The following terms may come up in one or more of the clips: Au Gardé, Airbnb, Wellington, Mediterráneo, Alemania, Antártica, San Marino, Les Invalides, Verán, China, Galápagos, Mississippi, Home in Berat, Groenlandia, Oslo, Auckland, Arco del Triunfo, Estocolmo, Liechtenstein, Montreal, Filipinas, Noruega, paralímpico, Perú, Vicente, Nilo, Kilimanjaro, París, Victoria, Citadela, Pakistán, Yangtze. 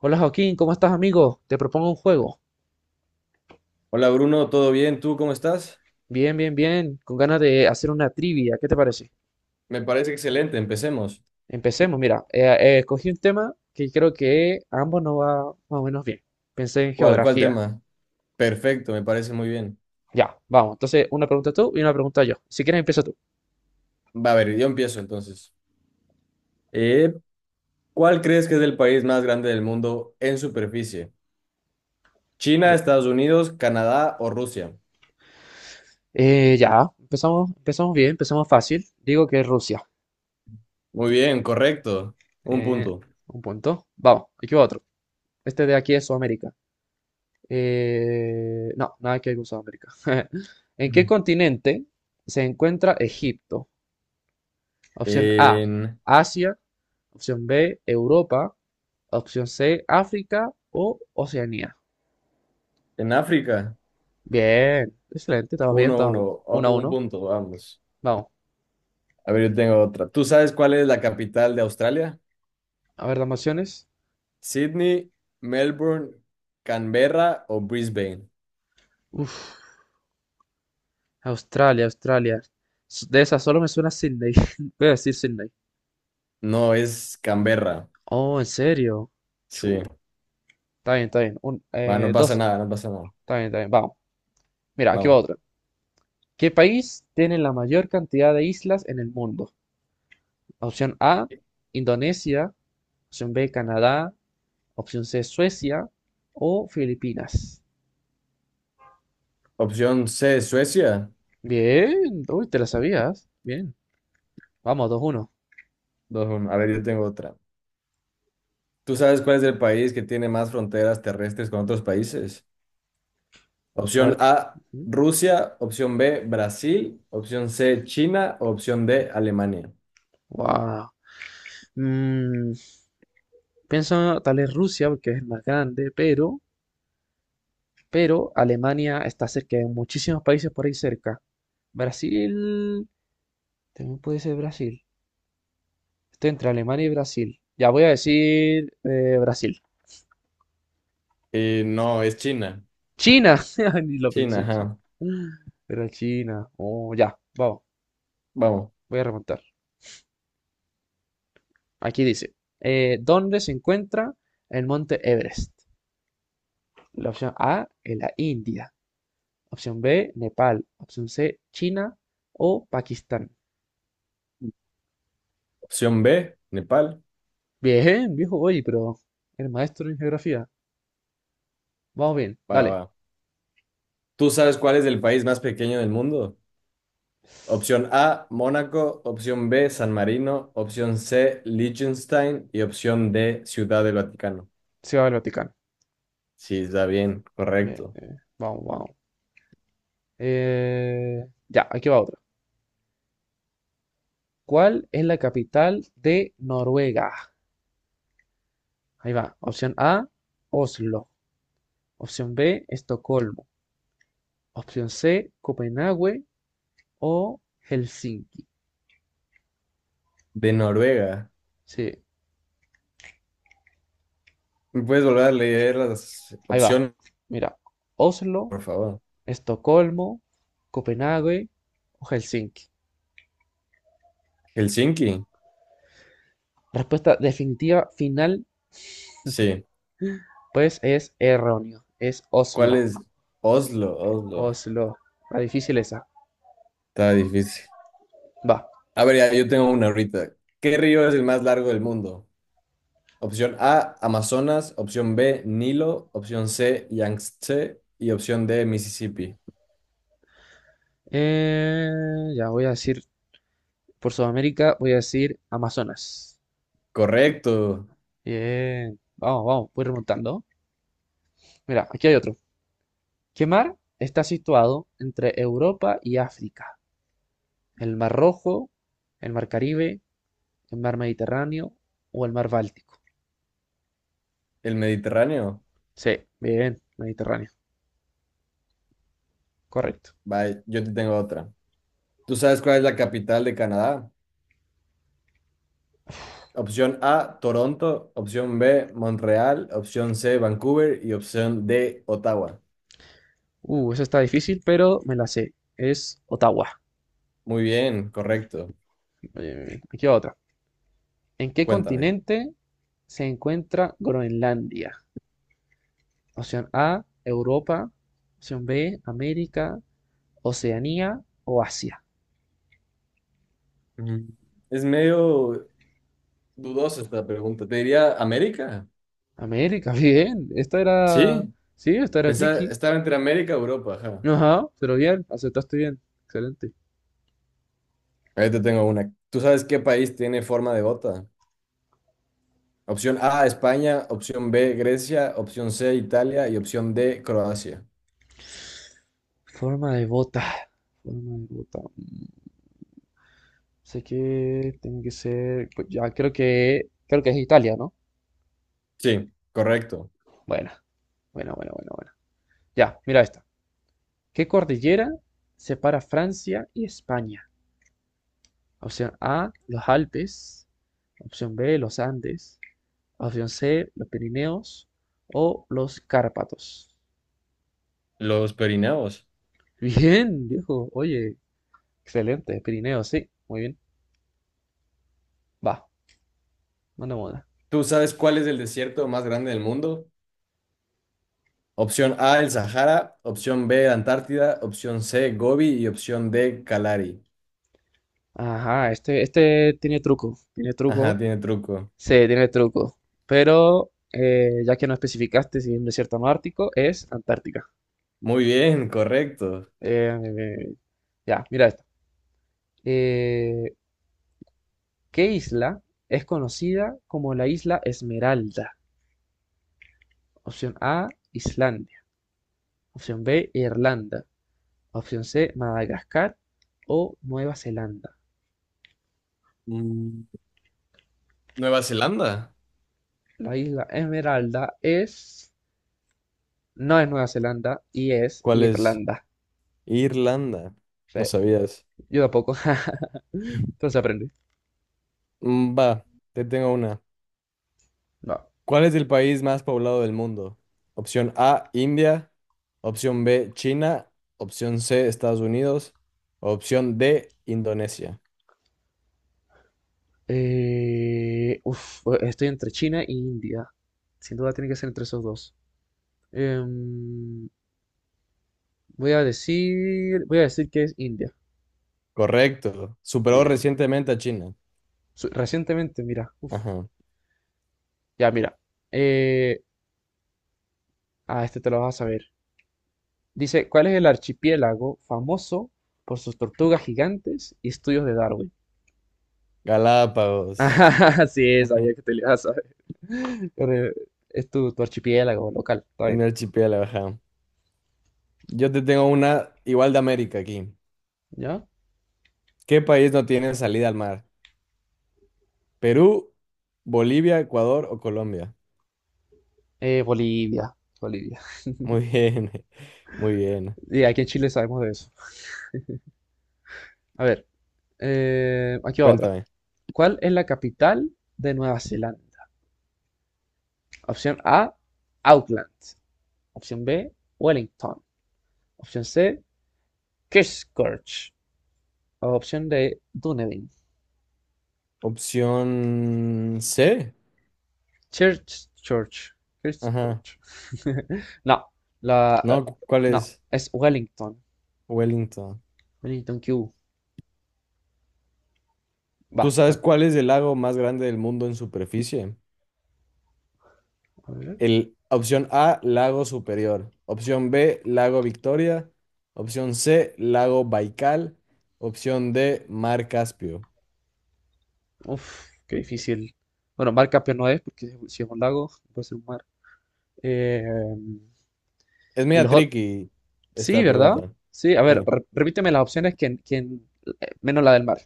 Hola Joaquín, ¿cómo estás amigo? Te propongo un juego. Hola Bruno, ¿todo bien? ¿Tú cómo estás? Bien, bien, bien, con ganas de hacer una trivia, ¿qué te parece? Me parece excelente, empecemos. Empecemos, mira, escogí un tema que creo que a ambos nos va más o menos bien. Pensé en ¿Cuál geografía. tema? Perfecto, me parece muy bien. Ya, vamos, entonces una pregunta tú y una pregunta yo. Si quieres empieza tú. Va a ver, yo empiezo entonces. Eh, ¿Cuál crees que es el país más grande del mundo en superficie? ¿China, Ya, Estados Unidos, Canadá o Rusia? Ya, empezamos, empezamos bien, empezamos fácil. Digo que es Rusia. Muy bien, correcto. Un Eh, punto. un punto. Vamos, aquí va otro. Este de aquí es Sudamérica. No, nada que ver con Sudamérica. ¿En qué Mm. continente se encuentra Egipto? Opción A, En, Asia. Opción B, Europa. Opción C, África o Oceanía. en África, Bien, excelente, estamos bien, uno, estamos bien. uno, Uno a otro, un uno. punto, vamos. Vamos. A ver, yo tengo otra. ¿Tú sabes cuál es la capital de Australia? A ver, dame opciones. ¿Sydney, Melbourne, Canberra o Brisbane? Uf, Australia, Australia. S- De esas solo me suena Sydney. Voy a decir Sydney. No, es Canberra. Oh, ¿en serio? Chu. Sí. Está bien, está bien. Un, Va, no pasa dos. nada, no pasa nada. Está bien, está bien. Vamos. Mira, aquí va Vamos. otra. ¿Qué país tiene la mayor cantidad de islas en el mundo? Opción A, Indonesia. Opción B, Canadá. Opción C, Suecia. O Filipinas. Opción C, Suecia. Bien, uy, te la sabías. Bien, vamos, dos uno. Dos, 1. A ver, yo tengo otra. ¿Tú sabes cuál es el país que tiene más fronteras terrestres con otros países? A Opción ver. A, Ujú. Rusia. Opción B, Brasil. Opción C, China. Opción D, Alemania. Wow. Mm, pienso tal vez Rusia porque es el más grande, pero Alemania está cerca de muchísimos países por ahí cerca. Brasil, también puede ser Brasil. Estoy entre Alemania y Brasil. Ya voy a decir Brasil. No, es China. China. Ni lo China, pensé, China. ajá. Era China. Oh, ya, vamos. Vamos. Voy a remontar. Aquí dice, ¿dónde se encuentra el monte Everest? La opción A en la India. Opción B, Nepal. Opción C, China o Pakistán. Opción B, Nepal. Bien, viejo, oye, pero el maestro en geografía. Vamos bien, Va, dale. va. ¿Tú sabes cuál es el país más pequeño del mundo? Opción A, Mónaco. Opción B, San Marino. Opción C, Liechtenstein. Y opción D, Ciudad del Vaticano. Se va al Vaticano. Sí, está bien, Bien, correcto. Vamos, vamos. Ya, aquí va otro. ¿Cuál es la capital de Noruega? Ahí va. Opción A, Oslo. Opción B, Estocolmo. Opción C, Copenhague o Helsinki. De Noruega. Sí, ¿Me puedes volver a leer las ahí va. opciones, Mira, Oslo, por favor? Estocolmo, Copenhague o Helsinki. Helsinki. Respuesta definitiva final, Sí. pues es erróneo. Es ¿Cuál Oslo. es? Oslo, Oslo. Oslo. La difícil esa. Está difícil. Va. A ver, ya, yo tengo una ahorita. ¿Qué río es el más largo del mundo? Opción A, Amazonas. Opción B, Nilo. Opción C, Yangtze. Y opción D, Mississippi. Eh, ya voy a decir, por Sudamérica voy a decir Amazonas. Correcto. Bien, vamos, vamos, voy remontando. Mira, aquí hay otro. ¿Qué mar está situado entre Europa y África? ¿El Mar Rojo, el Mar Caribe, el Mar Mediterráneo o el Mar Báltico? El Mediterráneo. Sí, bien, Mediterráneo, correcto. Bye, yo te tengo otra. ¿Tú sabes cuál es la capital de Canadá? Opción A, Toronto. Opción B, Montreal. Opción C, Vancouver. Y opción D, Ottawa. Esa está difícil, pero me la sé. Es Ottawa. Muy bien, correcto. Bien, bien, bien. Aquí va otra. ¿En qué Cuéntame. continente se encuentra Groenlandia? Opción A, Europa. Opción B, América, Oceanía o Asia. Mm, es medio dudosa esta pregunta. Te diría América. América, bien. Esta era. Sí. Sí, esta era Pensaba, tricky. estaba entre América y Europa. Ajá. Ajá, pero bien, aceptaste bien. Excelente. Ahí te tengo una. ¿Tú sabes qué país tiene forma de bota? Opción A, España. Opción B, Grecia. Opción C, Italia. Y opción D, Croacia. Forma de bota. Forma de bota. Mm, sé que tiene que ser. Pues ya creo que. Creo que es Italia, ¿no? Sí, correcto. Bueno, bueno, bueno, bueno, bueno. Ya, mira esta. ¿Qué cordillera separa Francia y España? Opción A, los Alpes. Opción B, los Andes. Opción C, los Pirineos o los Cárpatos. Los perineos. Bien, viejo. Oye, excelente, Pirineo, sí, muy bien. Va, mandamos una. ¿Tú sabes cuál es el desierto más grande del mundo? Opción A, el Sahara. Opción B, Antártida. Opción C, Gobi. Y opción D, Kalari. Ajá, este tiene Ajá, truco, tiene truco. sí, tiene truco. Pero ya que no especificaste si es un desierto no ártico, es Antártica. Muy bien, correcto. Eh, eh, ya, mira esta. Eh, ¿Qué isla es conocida como la isla Esmeralda? Opción A, Islandia. Opción B, Irlanda. Opción C, Madagascar o Nueva Zelanda. Mm, ¿Nueva Zelanda? La isla Esmeralda es. No es Nueva Zelanda y es ¿Cuál es? Irlanda. Irlanda. Sí, No sabías. yo tampoco. Entonces aprendí. Mm, va, te tengo una. No. ¿Cuál es el país más poblado del mundo? Opción A, India. Opción B, China. Opción C, Estados Unidos. Opción D, Indonesia. Uf, estoy entre China e India. Sin duda tiene que ser entre esos dos. Em, voy a decir que es India. Correcto. Superó Bien. recientemente a China. Su- Recientemente, mira, uf, Ajá. ya mira. Eh, ah, este te lo vas a saber. Dice, ¿cuál es el archipiélago famoso por sus tortugas gigantes y estudios de Darwin? Galápagos. Ah, sí, Ajá. sabía que te lo ibas a. Eh, es tu, tu archipiélago local, está Un bien. archipiélago, ajá. Yo te tengo una igual de América aquí. ¿Ya? ¿Qué país no tiene salida al mar? ¿Perú, Bolivia, Ecuador o Colombia? Bolivia, Bolivia. Muy bien. Muy bien. Y aquí en Chile sabemos de eso. A ver, aquí va otra. Cuéntame. ¿Cuál es la capital de Nueva Zelanda? Opción A, Auckland. Opción B, Wellington. Opción C, Christchurch. Opción D, Dunedin. Opción C. Church, Church, Ajá. Christchurch. No, la, eh, No, cu- ¿cuál no, es es Wellington. Wellington? Wellington Q. ¿Tú Va, sabes bueno, cuál es el lago más grande del mundo en superficie? a ver. El, opción A, lago Superior. Opción B, lago Victoria. Opción C, lago Baikal. Opción D, mar Caspio. Uf, qué difícil. Bueno, mar campeón no es, porque si es un lago, puede ser un mar. Eh, Es y media los otros. tricky Sí, esta ¿verdad? pregunta. Sí, a ver, Sí. re- repíteme las opciones que- menos la del mar.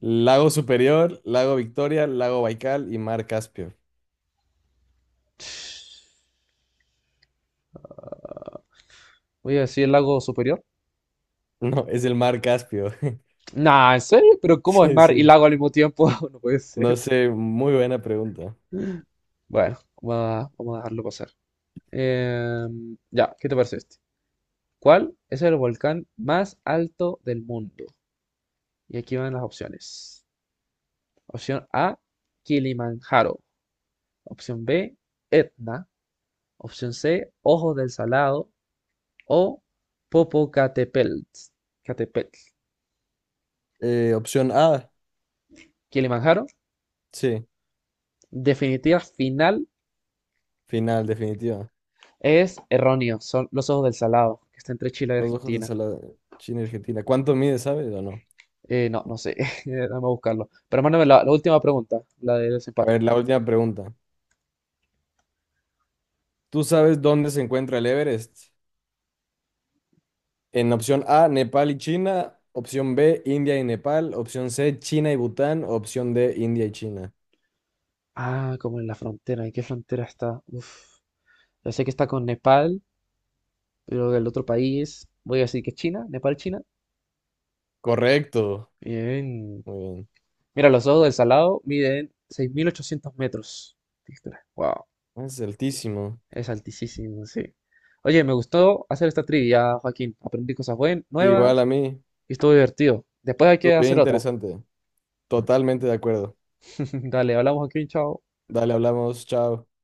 Lago Superior, lago Victoria, lago Baikal y mar Caspio. Voy a decir el lago superior. No, es el mar Caspio. Nah, ¿en serio? ¿Pero cómo es Sí, mar y sí. lago al mismo tiempo? No puede No ser. sé, muy buena pregunta. Bueno, vamos a, vamos a dejarlo pasar. Eh, ya, ¿qué te parece este? ¿Cuál es el volcán más alto del mundo? Y aquí van las opciones. Opción A, Kilimanjaro. Opción B, Etna. Opción C, Ojos del Salado. O Popocatépetl. Catepetl. Opción A, Kilimanjaro. sí, Definitiva final final, definitiva. es erróneo. Son los Ojos del Salado, que está entre Chile y Los ojos de Argentina. Salada, China, y Argentina. ¿Cuánto mide, sabes o no? No, no sé. Vamos a buscarlo. Pero mándame la, la última pregunta, la del A desempate. ver, la última pregunta. ¿Tú sabes dónde se encuentra el Everest? En opción A, Nepal y China. Opción B, India y Nepal. Opción C, China y Bután. Opción D, India y China. Ah, como en la frontera. ¿En qué frontera está? Uf. Ya sé que está con Nepal, pero el otro país. Voy a decir que China. Nepal, China. Correcto. Bien. Muy bien. Mira, los ojos del Salado miden 6.800 metros de altura. Wow, Es altísimo. es altísimo, sí. Oye, me gustó hacer esta trivia, Joaquín. Aprendí cosas buenas, Igual nuevas a mí. y estuvo divertido. Después hay que Estuvo bien hacer otra. interesante. Totalmente de acuerdo. Dale, hablamos, Joaquín, chao. Dale, hablamos. Chao.